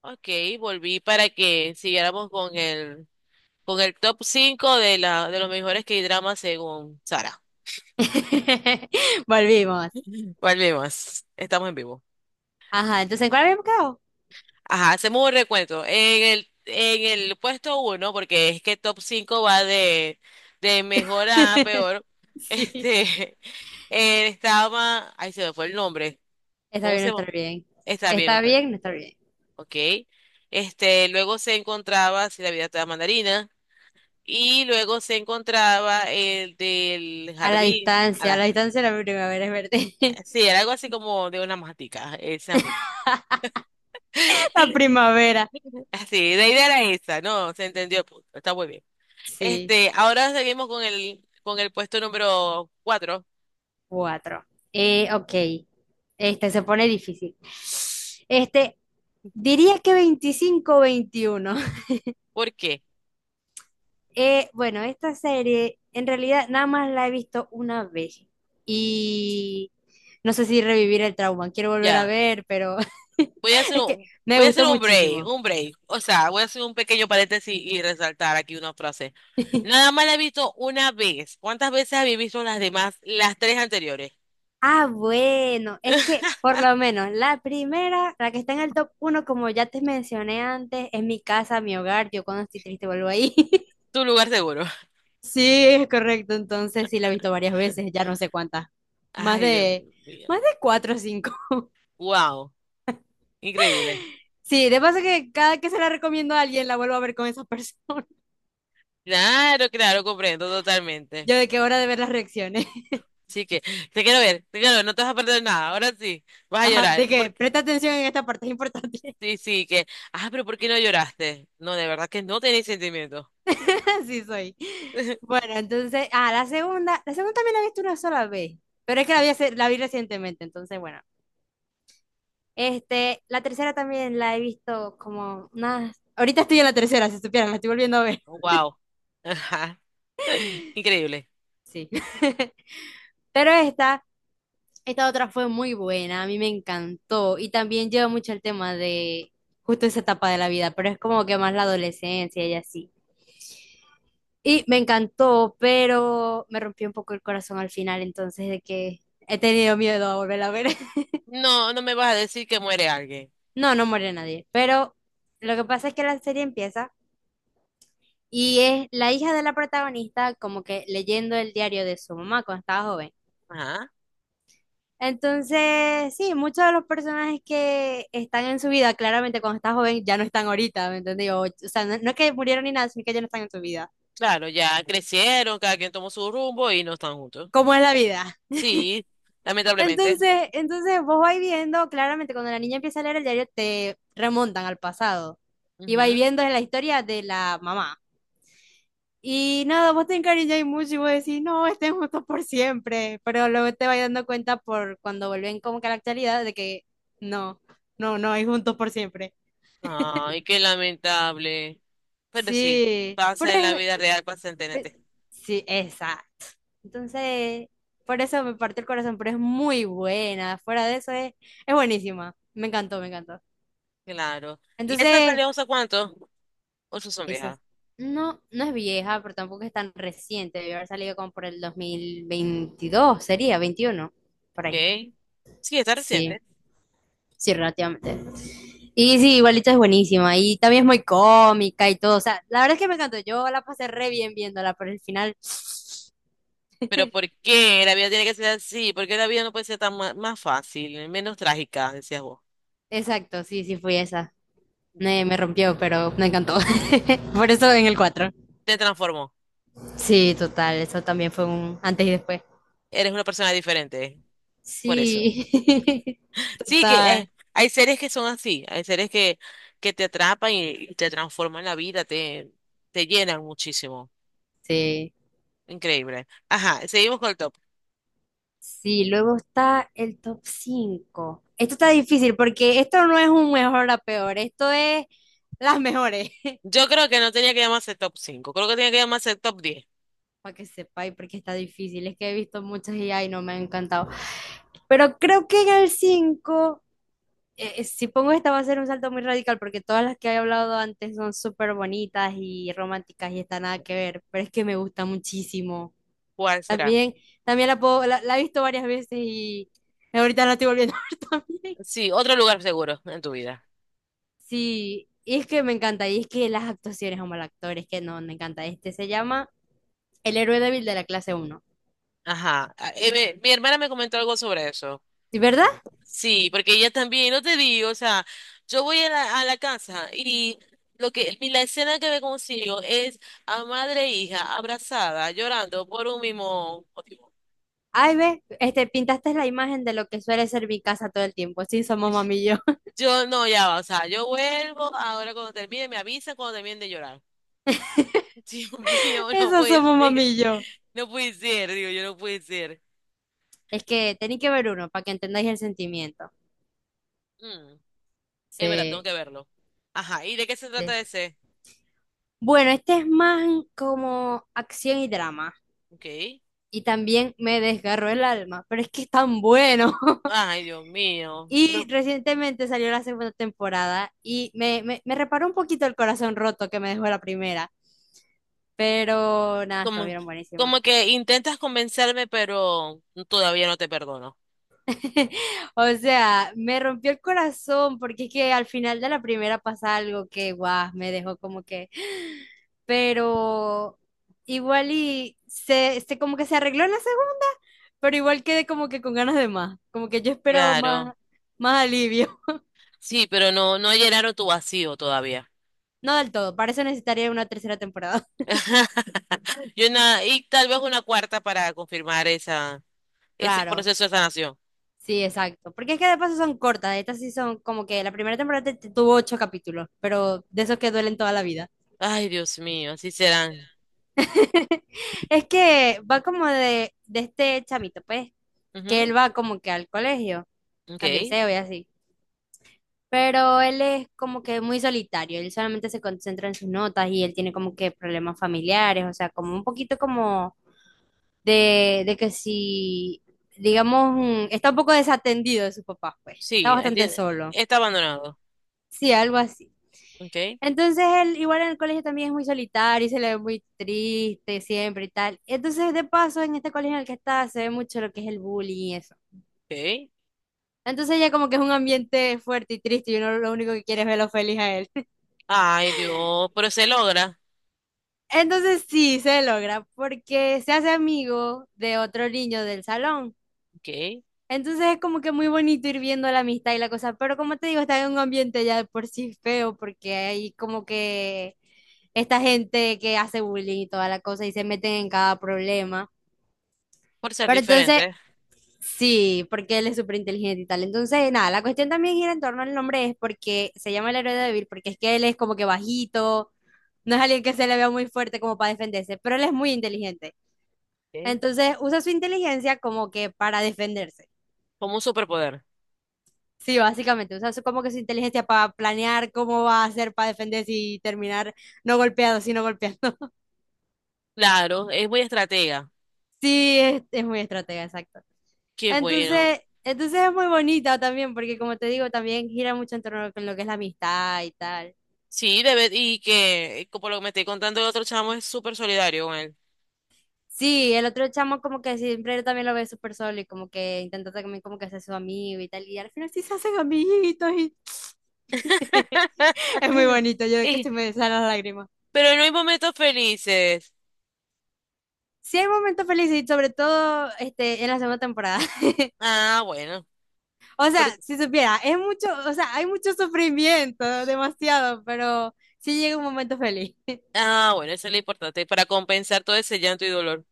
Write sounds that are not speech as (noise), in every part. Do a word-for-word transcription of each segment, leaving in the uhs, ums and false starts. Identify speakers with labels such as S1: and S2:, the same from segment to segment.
S1: Ok, volví para que siguiéramos con el, con el top cinco de, la, de los mejores K-dramas según Sara.
S2: (laughs) Volvimos.
S1: (laughs) Volvemos, estamos en vivo.
S2: Ajá, entonces, ¿en cuál habíamos quedado?
S1: Ajá, hacemos un recuento. En el, en el puesto uno, porque es que top cinco va de, de mejor a
S2: (laughs)
S1: peor,
S2: Sí.
S1: este, (laughs) eh, estaba, ahí se me fue el nombre.
S2: Está
S1: ¿Cómo
S2: bien,
S1: se
S2: no está
S1: llama?
S2: bien.
S1: Está bien, no
S2: Está
S1: está bien.
S2: bien, no está bien.
S1: Ok. Este, luego se encontraba Si la vida te da mandarina. Y luego se encontraba el del
S2: A la
S1: jardín. A
S2: distancia, a
S1: las,
S2: la distancia la primavera es verde.
S1: sí, era algo así como de una matica, esa misma.
S2: (laughs) La primavera.
S1: Sí, la idea era esa, ¿no? Se entendió el punto, está muy bien.
S2: Sí,
S1: Este, ahora seguimos con el, con el puesto número cuatro.
S2: cuatro. Eh, ok. Este se pone difícil. Este, diría que veinticinco, veintiuno.
S1: ¿Por qué?
S2: Eh, bueno, esta serie en realidad nada más la he visto una vez y no sé si revivir el trauma, quiero volver a
S1: Ya,
S2: ver, pero (laughs)
S1: voy a hacer
S2: es que
S1: un,
S2: me
S1: voy a hacer
S2: gustó
S1: un break,
S2: muchísimo.
S1: un break. O sea, voy a hacer un pequeño paréntesis y resaltar aquí una frase.
S2: (laughs)
S1: Nada más la he visto una vez. ¿Cuántas veces habéis visto las demás, las tres anteriores?
S2: Ah, bueno, es que por
S1: (laughs)
S2: lo menos la primera, la que está en el top uno, como ya te mencioné antes, es mi casa, mi hogar, yo cuando estoy triste vuelvo ahí. (laughs)
S1: Tu lugar seguro.
S2: Sí, es correcto, entonces sí la he visto varias veces, ya no sé cuántas, más
S1: Ay, Dios
S2: de,
S1: mío.
S2: más de cuatro o cinco.
S1: Wow, increíble.
S2: Sí, de paso que cada que se la recomiendo a alguien la vuelvo a ver con esa persona. (laughs)
S1: Claro, claro, comprendo totalmente.
S2: Yo de qué hora de ver las reacciones. (laughs)
S1: Sí que, te quiero ver, te quiero ver, no te vas a perder nada. Ahora sí, vas a
S2: Ajá,
S1: llorar.
S2: de que
S1: Porque,
S2: presta atención en esta parte, es importante.
S1: sí, sí, que, ah, pero ¿por qué no lloraste? No, de verdad que no tenés sentimientos.
S2: (laughs) Así soy.
S1: (laughs)
S2: Bueno, entonces, ah, la segunda, la segunda también la he visto una sola vez, pero es que la vi, hace- la vi recientemente, entonces, bueno. Este, la tercera también la he visto como unas... Ahorita estoy en la tercera, si supieran, la estoy volviendo a ver.
S1: Wow. Ajá. (laughs) Increíble.
S2: Sí. (laughs) Pero esta Esta otra fue muy buena, a mí me encantó y también lleva mucho el tema de justo esa etapa de la vida, pero es como que más la adolescencia y así. Y me encantó, pero me rompió un poco el corazón al final, entonces de que he tenido miedo a volver a ver. (laughs)
S1: No, no me vas a decir que muere alguien.
S2: No, no muere nadie, pero lo que pasa es que la serie empieza y es la hija de la protagonista como que leyendo el diario de su mamá cuando estaba joven.
S1: Ajá.
S2: Entonces, sí, muchos de los personajes que están en su vida, claramente cuando estás joven ya no están ahorita, ¿me entendés? O, o sea, no, no es que murieron ni nada, sino que ya no están en su vida.
S1: Claro, ya crecieron, cada quien tomó su rumbo y no están juntos.
S2: ¿Cómo es la vida?
S1: Sí,
S2: (laughs)
S1: lamentablemente.
S2: Entonces, entonces vos vais viendo, claramente cuando la niña empieza a leer el diario te remontan al pasado y vais
S1: Ujú.
S2: viendo la historia de la mamá. Y nada, vos te encariñas mucho y vos decís, no, estén juntos por siempre, pero luego te vas dando cuenta por cuando vuelven como que a la actualidad de que no, no, no, hay juntos por siempre.
S1: Ay, qué lamentable. Pero sí,
S2: Sí, pero
S1: pasa en la
S2: es-
S1: vida real, pasa en
S2: pe-
S1: T N T.
S2: sí, esa. Entonces, por eso me partió el corazón, pero es muy buena. Fuera de eso es, es buenísima. Me encantó, me encantó.
S1: Claro. ¿Y esta
S2: Entonces,
S1: salió hace cuánto? Ocho son
S2: esa
S1: viejas.
S2: es- no, no es vieja, pero tampoco es tan reciente. Debió haber salido como por el dos mil veintidós, sería veintiuno, por ahí.
S1: ¿Ok? Sí, está
S2: Sí,
S1: reciente.
S2: sí, relativamente. Y sí, igualito es buenísima. Y también es muy cómica y todo. O sea, la verdad es que me encantó. Yo la pasé re bien viéndola, pero el final...
S1: Pero
S2: (laughs)
S1: ¿por qué la vida tiene que ser así? ¿Por qué la vida no puede ser tan ma- más fácil, menos trágica, decías vos?
S2: Exacto, sí, sí fui esa. Me, me rompió, pero me encantó. (laughs) Por eso en el cuatro.
S1: Te transformó.
S2: Sí, total, eso también fue un antes y después.
S1: Eres una persona diferente. Por eso.
S2: Sí, (laughs)
S1: (laughs) Sí, que
S2: total.
S1: eh, hay seres que son así. Hay seres que, que te atrapan y, y te transforman la vida, te, te llenan muchísimo.
S2: Sí.
S1: Increíble. Ajá, seguimos con el top.
S2: Sí, luego está el top cinco. Esto está difícil porque esto no es un mejor a peor, esto es las mejores. (laughs)
S1: Yo creo que no tenía que llamarse top cinco. Creo que tenía que llamarse top diez.
S2: Para que sepáis, porque está difícil. Es que he visto muchas y ay, no me han encantado. Pero creo que en el cinco eh, eh, si pongo esta va a ser un salto muy radical porque todas las que he hablado antes son súper bonitas y románticas y está nada que ver, pero es que me gusta muchísimo.
S1: ¿Cuál será?
S2: También, también la puedo, la, la he visto varias veces y ahorita la estoy volviendo (laughs) a ver también.
S1: Sí, otro lugar seguro en tu vida.
S2: Sí, y es que me encanta, y es que las actuaciones, como el actor, es que no, me encanta. Este se llama El héroe débil de la clase uno.
S1: Ajá. Ah, eh, me- mi hermana me comentó algo sobre eso.
S2: ¿Sí, ¿verdad?
S1: Sí, porque ella también, no te digo, o sea, yo voy a la, a la casa y lo que y la escena que me consigo es a madre e hija abrazada, llorando por un mismo.
S2: Ay, ve, este, pintaste la imagen de lo que suele ser mi casa todo el tiempo. Sí, somos mamillo.
S1: Yo no, ya va, o sea, yo vuelvo, ahora cuando termine me avisan cuando terminen de llorar. (laughs) Dios mío,
S2: (laughs)
S1: no
S2: Eso
S1: puede
S2: somos
S1: ser,
S2: mamillo.
S1: no puede ser, digo, yo no puede ser.
S2: Es que tenéis que ver uno para que entendáis el sentimiento.
S1: Mm, es verdad, tengo
S2: Sí,
S1: que verlo. Ajá, ¿y de qué se
S2: sí.
S1: trata ese?
S2: Bueno, este es más como acción y drama.
S1: Ok.
S2: Y también me desgarró el alma, pero es que es tan bueno. (laughs)
S1: Ay, Dios mío,
S2: Y
S1: pero
S2: recientemente salió la segunda temporada y me, me, me reparó un poquito el corazón roto que me dejó la primera. Pero nada,
S1: como,
S2: estuvieron buenísimas.
S1: como que intentas convencerme, pero todavía no te perdono.
S2: (laughs) O sea, me rompió el corazón porque es que al final de la primera pasa algo que, guau, me dejó como que... (gasps) Pero igual y se, se como que se arregló en la segunda, pero igual quedé como que con ganas de más, como que yo esperaba más,
S1: Claro,
S2: más alivio. (laughs)
S1: sí, pero no, no llenaron tu vacío todavía.
S2: No del todo, para eso necesitaría una tercera temporada. (laughs)
S1: (laughs) Y una, y tal vez una cuarta para confirmar esa, ese
S2: Claro,
S1: proceso de sanación.
S2: sí, exacto. Porque es que de paso son cortas, estas sí son como que la primera temporada te- te tuvo ocho capítulos, pero de esos que duelen toda la vida.
S1: Ay, Dios mío, así serán.
S2: (laughs) Es que va como de, de, este chamito, pues, que él
S1: Ujú.
S2: va como que al colegio, al
S1: Ok.
S2: liceo y así. Pero él es como que muy solitario, él solamente se concentra en sus notas y él tiene como que problemas familiares, o sea, como un poquito como de, de que si, digamos, mm, está un poco desatendido de su papá, pues, está
S1: Sí, ahí
S2: bastante
S1: tiene-
S2: solo.
S1: está abandonado.
S2: Sí, algo así.
S1: Ok.
S2: Entonces él igual en el colegio también es muy solitario y se le ve muy triste siempre y tal. Entonces de paso en este colegio en el que está se ve mucho lo que es el bullying y eso.
S1: Ok.
S2: Entonces ya como que es un ambiente fuerte y triste y uno lo único que quiere es verlo feliz a él. (laughs)
S1: Ay, Dios, pero se logra.
S2: Entonces sí, se logra porque se hace amigo de otro niño del salón.
S1: Ok.
S2: Entonces es como que muy bonito ir viendo la amistad y la cosa, pero como te digo, está en un ambiente ya de por sí feo, porque hay como que esta gente que hace bullying y toda la cosa y se meten en cada problema.
S1: Por ser
S2: Pero entonces,
S1: diferente.
S2: sí, porque él es súper inteligente y tal. Entonces, nada, la cuestión también gira en torno al nombre, es porque se llama el héroe débil, porque es que él es como que bajito, no es alguien que se le vea muy fuerte como para defenderse, pero él es muy inteligente.
S1: Ok.
S2: Entonces usa su inteligencia como que para defenderse.
S1: Como un superpoder.
S2: Sí, básicamente, o sea, es como que su inteligencia para planear cómo va a hacer para defenderse y terminar no golpeado, sino golpeando. (laughs)
S1: Claro, es muy estratega.
S2: Sí, es, es muy estratega, exacto.
S1: Qué bueno.
S2: Entonces, entonces es muy bonita también, porque como te digo, también gira mucho en torno con lo que es la amistad y tal.
S1: Sí, debe, y que, y como lo que me estoy contando el otro chamo, es súper solidario con él.
S2: Sí, el otro chamo como que siempre también lo ve súper solo y como que intenta también como que ser su amigo y tal, y al final sí se hacen amiguitos y (laughs) es muy
S1: (laughs)
S2: bonito, yo de que
S1: Y-
S2: se me salen las lágrimas.
S1: pero no hay momentos felices.
S2: Sí hay momentos felices y sobre todo este, en la segunda temporada. (laughs)
S1: Ah, bueno.
S2: O
S1: Por-
S2: sea, si supiera, es mucho, o sea, hay mucho sufrimiento, demasiado, pero sí llega un momento feliz. (laughs)
S1: ah, bueno, eso es lo importante, para compensar todo ese llanto y dolor.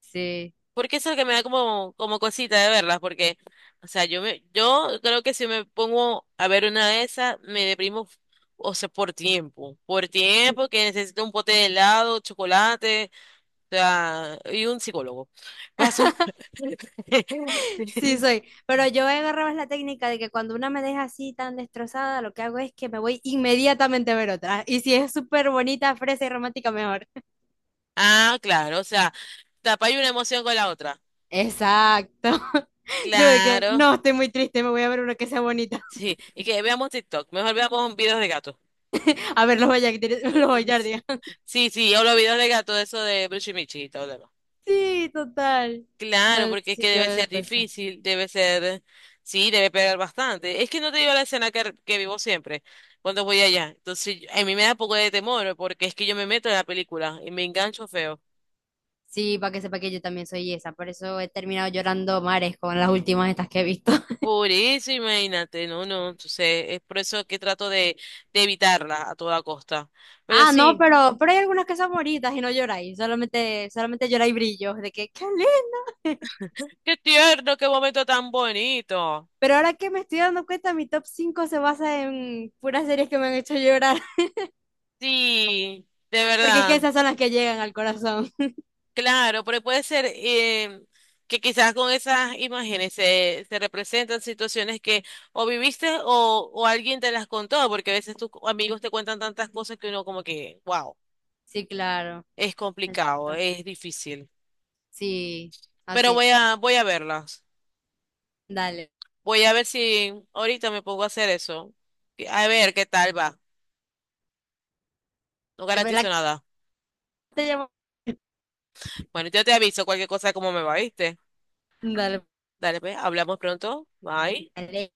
S2: Sí.
S1: Porque eso es lo que me da como, como cosita de verlas, porque, o sea, yo me, yo creo que si me pongo a ver una de esas, me deprimo, o sea, por tiempo, por tiempo que necesito un pote de helado, chocolate, o sea, y un psicólogo. Paso-
S2: Sí,
S1: (laughs)
S2: soy. Pero yo he agarrado la técnica de que cuando una me deja así tan destrozada, lo que hago es que me voy inmediatamente a ver otra. Y si es súper bonita, fresa y romántica, mejor.
S1: Ah, claro, o sea, tapar una emoción con la otra.
S2: Exacto. (laughs) Yo de que
S1: Claro,
S2: no, estoy muy triste, me voy a ver una que sea bonita.
S1: sí. Y que veamos TikTok, mejor veamos videos de gato.
S2: A ver, los Bayard- (laughs) los
S1: (laughs)
S2: Bayardia.
S1: Sí, sí, yo los videos de gato, eso de Bruce y Michi y todo.
S2: Sí, total. No,
S1: Claro, porque es que
S2: sí, yo
S1: debe
S2: la
S1: ser
S2: cosa.
S1: difícil, debe ser, sí, debe pegar bastante. Es que no te digo la escena que, que vivo siempre cuando voy allá. Entonces, yo- a mí me da poco de temor porque es que yo me meto en la película y me engancho feo.
S2: Sí, para que sepa que yo también soy esa, por eso he terminado llorando mares con las últimas estas que he visto. (laughs)
S1: Por eso, imagínate, no, no, entonces es por eso que trato de, de evitarla a toda costa. Pero
S2: Ah, no,
S1: sí,
S2: pero, pero hay algunas que son bonitas y no lloráis, solamente, solamente lloráis brillos, de que, ¡qué le (laughs)
S1: qué tierno, qué momento tan bonito.
S2: Pero ahora que me estoy dando cuenta, mi top cinco se basa en puras series que me han hecho llorar,
S1: Sí, de
S2: (laughs) porque es que
S1: verdad.
S2: esas son las que llegan al corazón. (laughs)
S1: Claro, pero puede ser em, que quizás con esas imágenes se, se representan situaciones que o viviste o, o alguien te las contó, porque a veces tus amigos te cuentan tantas cosas que uno como que, wow,
S2: Sí, claro,
S1: es complicado,
S2: exacto.
S1: es difícil.
S2: Sí,
S1: Pero
S2: así,
S1: voy a, voy a verlas.
S2: dale.
S1: Voy a ver si ahorita me pongo a hacer eso. A ver qué tal va. No
S2: Te- la-
S1: garantizo
S2: que
S1: nada.
S2: te llamo-
S1: Bueno, yo te aviso cualquier cosa como me va, ¿viste? Dale, pues, hablamos pronto. Bye.
S2: Dale.